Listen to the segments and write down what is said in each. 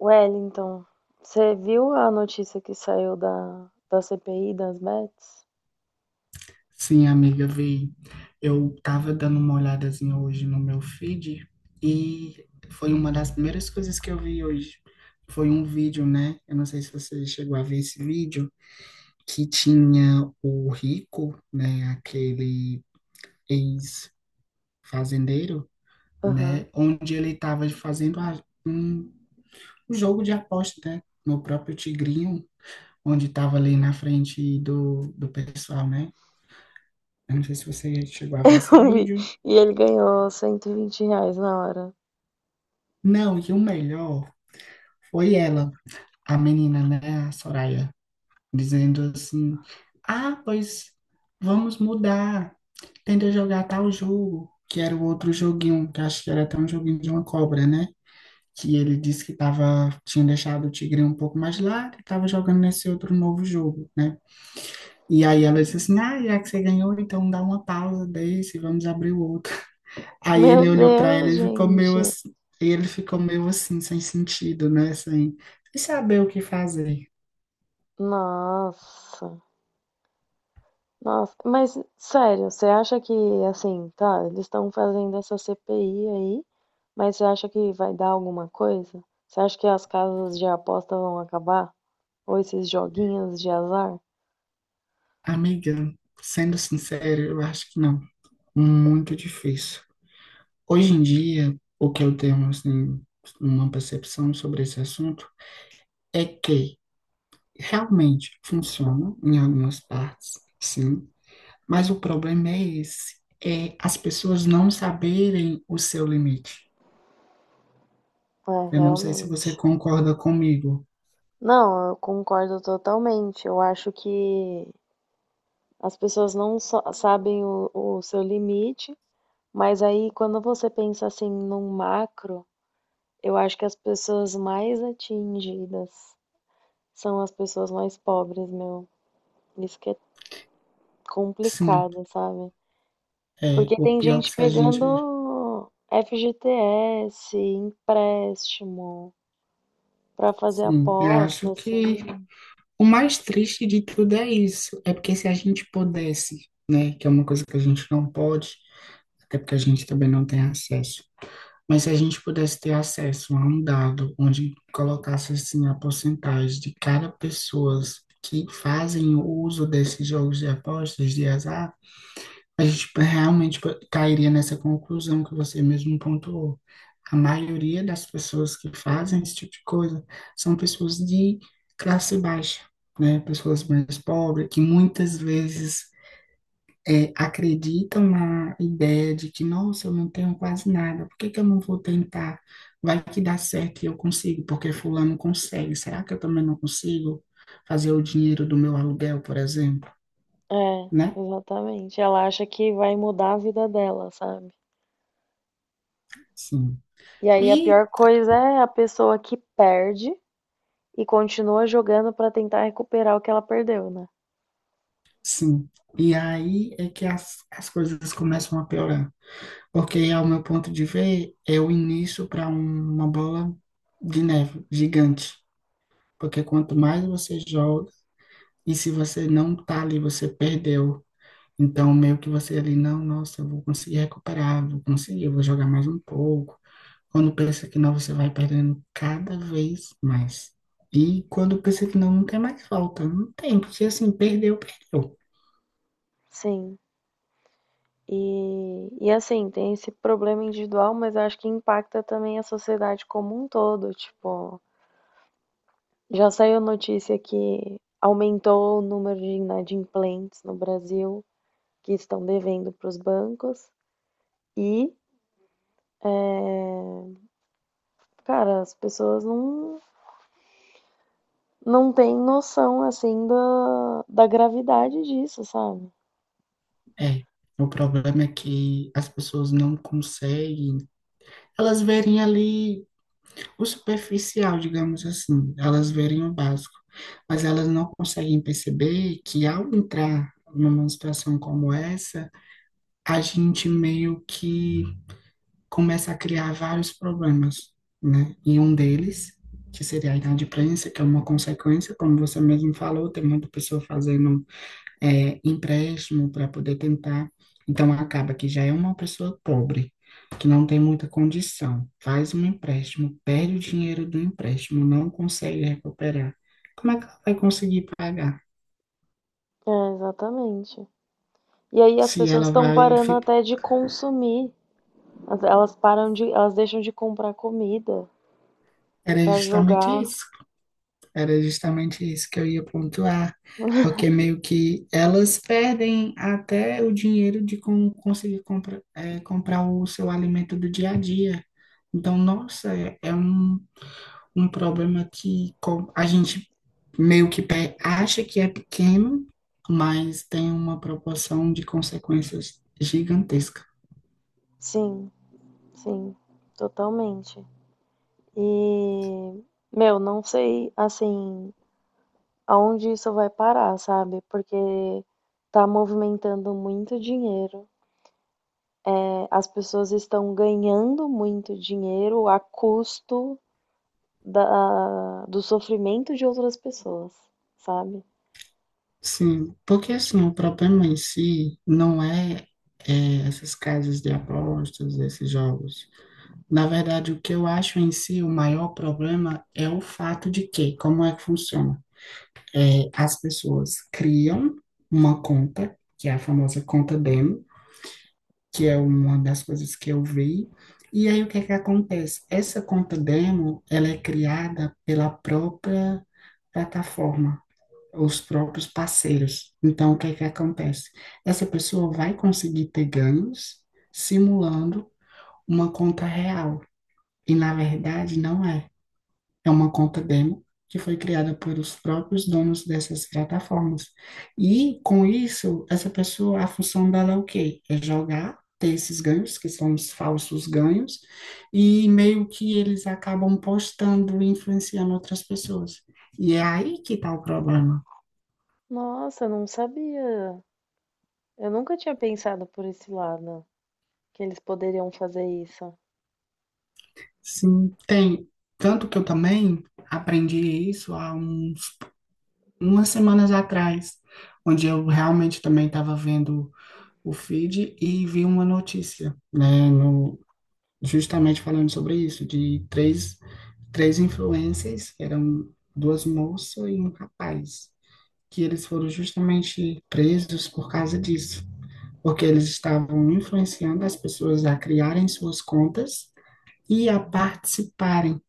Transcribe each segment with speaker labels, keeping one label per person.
Speaker 1: Wellington, você viu a notícia que saiu da CPI das Bets?
Speaker 2: Sim, amiga, vi. Eu tava dando uma olhadazinha hoje no meu feed e foi uma das primeiras coisas que eu vi hoje. Foi um vídeo, né? Eu não sei se você chegou a ver esse vídeo, que tinha o Rico, né? Aquele ex-fazendeiro,
Speaker 1: Aham.
Speaker 2: né? Onde ele tava fazendo um jogo de aposta, né? No próprio Tigrinho, onde tava ali na frente do pessoal, né? Eu não sei se você chegou a ver esse
Speaker 1: Eu vi.
Speaker 2: vídeo.
Speaker 1: E ele ganhou R$ 120 na hora.
Speaker 2: Não, e o melhor foi ela, a menina, né, a Soraya, dizendo assim: Ah, pois vamos mudar, tenta jogar tal jogo, que era o outro joguinho, que acho que era até um joguinho de uma cobra, né? Que ele disse que tava, tinha deixado o tigre um pouco mais lá, que tava jogando nesse outro novo jogo, né? E aí ela disse assim: Ah, já que você ganhou, então dá uma pausa desse, vamos abrir o outro. Aí
Speaker 1: Meu
Speaker 2: ele olhou pra ela
Speaker 1: Deus,
Speaker 2: e ficou meio
Speaker 1: gente.
Speaker 2: assim, ele ficou meio assim, sem sentido, né? Sem saber o que fazer.
Speaker 1: Nossa. Nossa, mas sério, você acha que, assim, tá, eles estão fazendo essa CPI aí, mas você acha que vai dar alguma coisa? Você acha que as casas de aposta vão acabar? Ou esses joguinhos de azar?
Speaker 2: Amiga, sendo sincero, eu acho que não. Muito difícil. Hoje em dia, o que eu tenho, assim, uma percepção sobre esse assunto é que realmente funciona em algumas partes, sim, mas o problema é esse, é as pessoas não saberem o seu limite.
Speaker 1: É,
Speaker 2: Eu não sei se você
Speaker 1: realmente.
Speaker 2: concorda comigo.
Speaker 1: Não, eu concordo totalmente. Eu acho que as pessoas não só sabem o seu limite, mas aí quando você pensa assim num macro, eu acho que as pessoas mais atingidas são as pessoas mais pobres, meu. Isso que é
Speaker 2: Sim.
Speaker 1: complicado, sabe?
Speaker 2: É,
Speaker 1: Porque
Speaker 2: o
Speaker 1: tem
Speaker 2: pior que
Speaker 1: gente
Speaker 2: se a gente.
Speaker 1: pegando FGTS, empréstimo, pra fazer
Speaker 2: Sim, eu
Speaker 1: aposta,
Speaker 2: acho que
Speaker 1: assim.
Speaker 2: o mais triste de tudo é isso. É porque se a gente pudesse, né, que é uma coisa que a gente não pode, até porque a gente também não tem acesso. Mas se a gente pudesse ter acesso a um dado onde colocasse assim a porcentagem de cada pessoas que fazem o uso desses jogos de apostas de azar, a gente tipo, realmente tipo, cairia nessa conclusão que você mesmo pontuou. A maioria das pessoas que fazem esse tipo de coisa são pessoas de classe baixa, né? Pessoas mais pobres, que muitas vezes acreditam na ideia de que, nossa, eu não tenho quase nada, por que que eu não vou tentar? Vai que dá certo e eu consigo, porque fulano consegue. Será que eu também não consigo fazer o dinheiro do meu aluguel, por exemplo,
Speaker 1: É,
Speaker 2: né?
Speaker 1: exatamente. Ela acha que vai mudar a vida dela, sabe?
Speaker 2: Sim.
Speaker 1: E aí a
Speaker 2: e
Speaker 1: pior coisa é a pessoa que perde e continua jogando pra tentar recuperar o que ela perdeu, né?
Speaker 2: Sim, e aí é que as coisas começam a piorar, porque, ao meu ponto de ver, é o início para uma bola de neve gigante, porque quanto mais você joga, e se você não tá ali, você perdeu. Então, meio que você ali, não, nossa, eu vou conseguir recuperar, vou conseguir, eu vou jogar mais um pouco. Quando pensa que não, você vai perdendo cada vez mais. E quando pensa que não, não tem mais falta, não tem, porque assim, perdeu, perdeu.
Speaker 1: Sim. E assim, tem esse problema individual, mas eu acho que impacta também a sociedade como um todo, tipo. Já saiu notícia que aumentou o número de inadimplentes no Brasil que estão devendo para os bancos e, cara, as pessoas não, não têm noção assim da gravidade disso, sabe?
Speaker 2: É, o problema é que as pessoas não conseguem, elas verem ali o superficial, digamos assim, elas verem o básico, mas elas não conseguem perceber que ao entrar numa situação como essa, a gente meio que começa a criar vários problemas, né? E um deles, que seria a inadimplência, que é uma consequência, como você mesmo falou, tem muita pessoa fazendo empréstimo para poder tentar. Então, acaba que já é uma pessoa pobre, que não tem muita condição, faz um empréstimo, perde o dinheiro do empréstimo, não consegue recuperar. Como é que ela vai conseguir pagar?
Speaker 1: É, exatamente. E aí as
Speaker 2: Se
Speaker 1: pessoas
Speaker 2: ela
Speaker 1: estão
Speaker 2: vai
Speaker 1: parando
Speaker 2: ficar.
Speaker 1: até de consumir. As- Elas param de, elas deixam de comprar comida
Speaker 2: Era
Speaker 1: para
Speaker 2: justamente
Speaker 1: jogar.
Speaker 2: isso. Era justamente isso que eu ia pontuar, porque meio que elas perdem até o dinheiro de como conseguir compra, comprar o seu alimento do dia a dia. Então, nossa, é um problema que a gente meio que acha que é pequeno, mas tem uma proporção de consequências gigantesca.
Speaker 1: Sim, sim, totalmente. E, meu, não sei, assim, aonde isso vai parar, sabe? Porque está movimentando muito dinheiro. Né? As pessoas estão ganhando muito dinheiro a custo da, do sofrimento de outras pessoas, sabe?
Speaker 2: Sim, porque assim, o problema em si não é, é essas casas de apostas, esses jogos. Na verdade, o que eu acho em si o maior problema é o fato de que, como é que funciona? As pessoas criam uma conta, que é a famosa conta demo, que é uma das coisas que eu vi. E aí o que é que acontece? Essa conta demo, ela é criada pela própria plataforma, os próprios parceiros. Então o que é que acontece? Essa pessoa vai conseguir ter ganhos simulando uma conta real. E na verdade não é. É uma conta demo que foi criada pelos próprios donos dessas plataformas. E com isso, essa pessoa, a função dela é o quê? É jogar, ter esses ganhos, que são os falsos ganhos, e meio que eles acabam postando e influenciando outras pessoas. E é aí que está o problema.
Speaker 1: Nossa, eu não sabia. Eu nunca tinha pensado por esse lado, que eles poderiam fazer isso.
Speaker 2: Sim, tem. Tanto que eu também aprendi isso há umas semanas atrás, onde eu realmente também estava vendo o feed e vi uma notícia, né, no, justamente falando sobre isso, de três influencers, eram duas moças e um rapaz, que eles foram justamente presos por causa disso, porque eles estavam influenciando as pessoas a criarem suas contas e a participarem.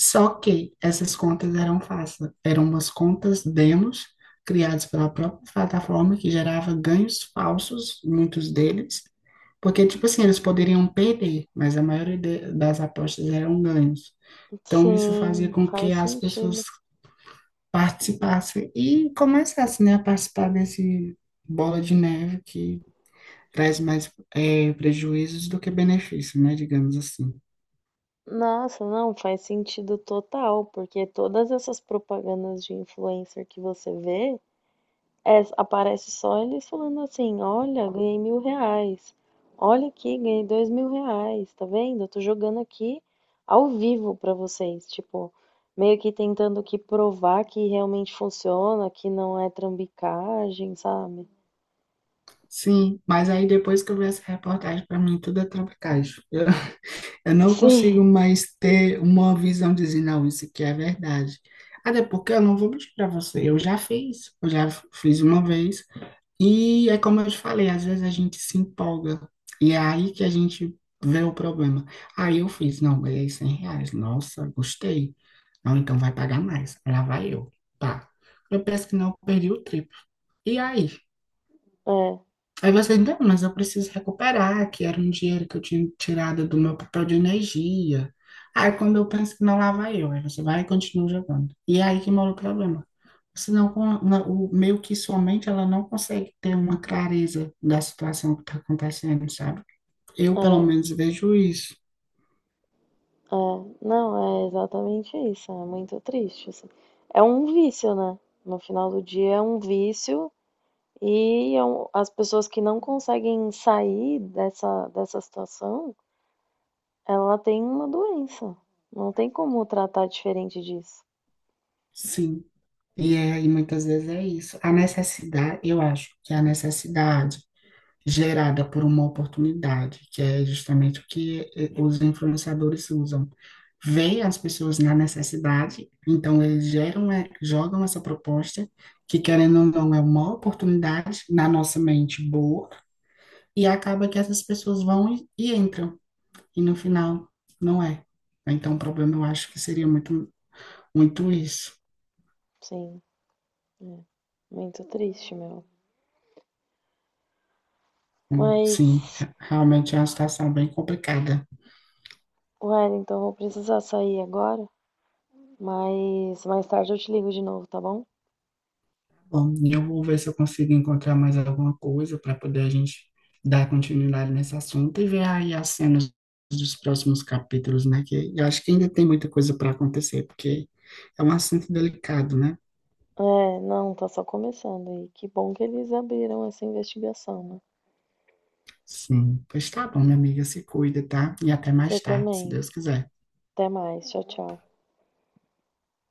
Speaker 2: Só que essas contas eram falsas, eram umas contas demos criadas pela própria plataforma que gerava ganhos falsos, muitos deles, porque, tipo assim, eles poderiam perder, mas a maioria das apostas eram ganhos. Então, isso fazia
Speaker 1: Sim,
Speaker 2: com que
Speaker 1: faz
Speaker 2: as
Speaker 1: sentido.
Speaker 2: pessoas participassem e começassem, né, a participar desse bola de neve que traz mais prejuízos do que benefícios, né, digamos assim.
Speaker 1: Nossa, não, faz sentido total, porque todas essas propagandas de influencer que você vê, é, aparece só eles falando assim, olha, ganhei R$ 1.000. Olha aqui, ganhei R$ 2.000, tá vendo? Eu tô jogando aqui ao vivo pra vocês, tipo, meio que tentando que provar que realmente funciona, que não é trambicagem, sabe?
Speaker 2: Sim, mas aí depois que eu vi essa reportagem, para mim tudo é trapicagem. Eu, eu não
Speaker 1: Sim,
Speaker 2: consigo mais ter uma visão de dizer, não, isso aqui é verdade. Até porque eu não vou mentir para você, eu já fiz, eu já fiz uma vez. E é como eu te falei, às vezes a gente se empolga. E é aí que a gente vê o problema. Aí eu fiz, não, ganhei R$ 100. Nossa, gostei. Não, então vai pagar mais. Lá vai eu. Pá. Eu penso que não, eu perdi o triplo. E aí?
Speaker 1: é,
Speaker 2: Aí você, não, mas eu preciso recuperar, que era um dinheiro que eu tinha tirado do meu papel de energia. Aí quando eu penso que não, lá vai eu. Aí você vai e continua jogando. E é aí que mora o problema. Senão, meio que sua mente, ela não consegue ter uma clareza da situação que está acontecendo, sabe? Eu, pelo
Speaker 1: é,
Speaker 2: menos, vejo isso,
Speaker 1: é. Não, é exatamente isso. É muito triste, assim. É um vício, né? No final do dia é um vício. E é um- as pessoas que não conseguem sair dessa situação, ela tem uma doença. Não tem como tratar diferente disso.
Speaker 2: sim. E muitas vezes é isso. A necessidade, eu acho que a necessidade gerada por uma oportunidade, que é justamente o que os influenciadores usam. Veem as pessoas na necessidade, então eles geram, jogam essa proposta, que querendo ou não é uma oportunidade na nossa mente boa, e acaba que essas pessoas vão e entram, e no final não é. Então, o problema eu acho que seria muito, muito isso.
Speaker 1: Sim, é muito triste, meu.
Speaker 2: Sim,
Speaker 1: Mas,
Speaker 2: realmente é uma situação bem complicada.
Speaker 1: Wellington, eu vou precisar sair agora. Mas mais tarde eu te ligo de novo, tá bom?
Speaker 2: Bom, e eu vou ver se eu consigo encontrar mais alguma coisa para poder a gente dar continuidade nesse assunto e ver aí as cenas dos próximos capítulos, né? Que eu acho que ainda tem muita coisa para acontecer, porque é um assunto delicado, né?
Speaker 1: É, não, tá só começando. E que bom que eles abriram essa investigação, né?
Speaker 2: Sim, pois tá bom, minha amiga, se cuida, tá? E até
Speaker 1: Você
Speaker 2: mais tarde, se
Speaker 1: também.
Speaker 2: Deus quiser.
Speaker 1: Até mais. Tchau, tchau.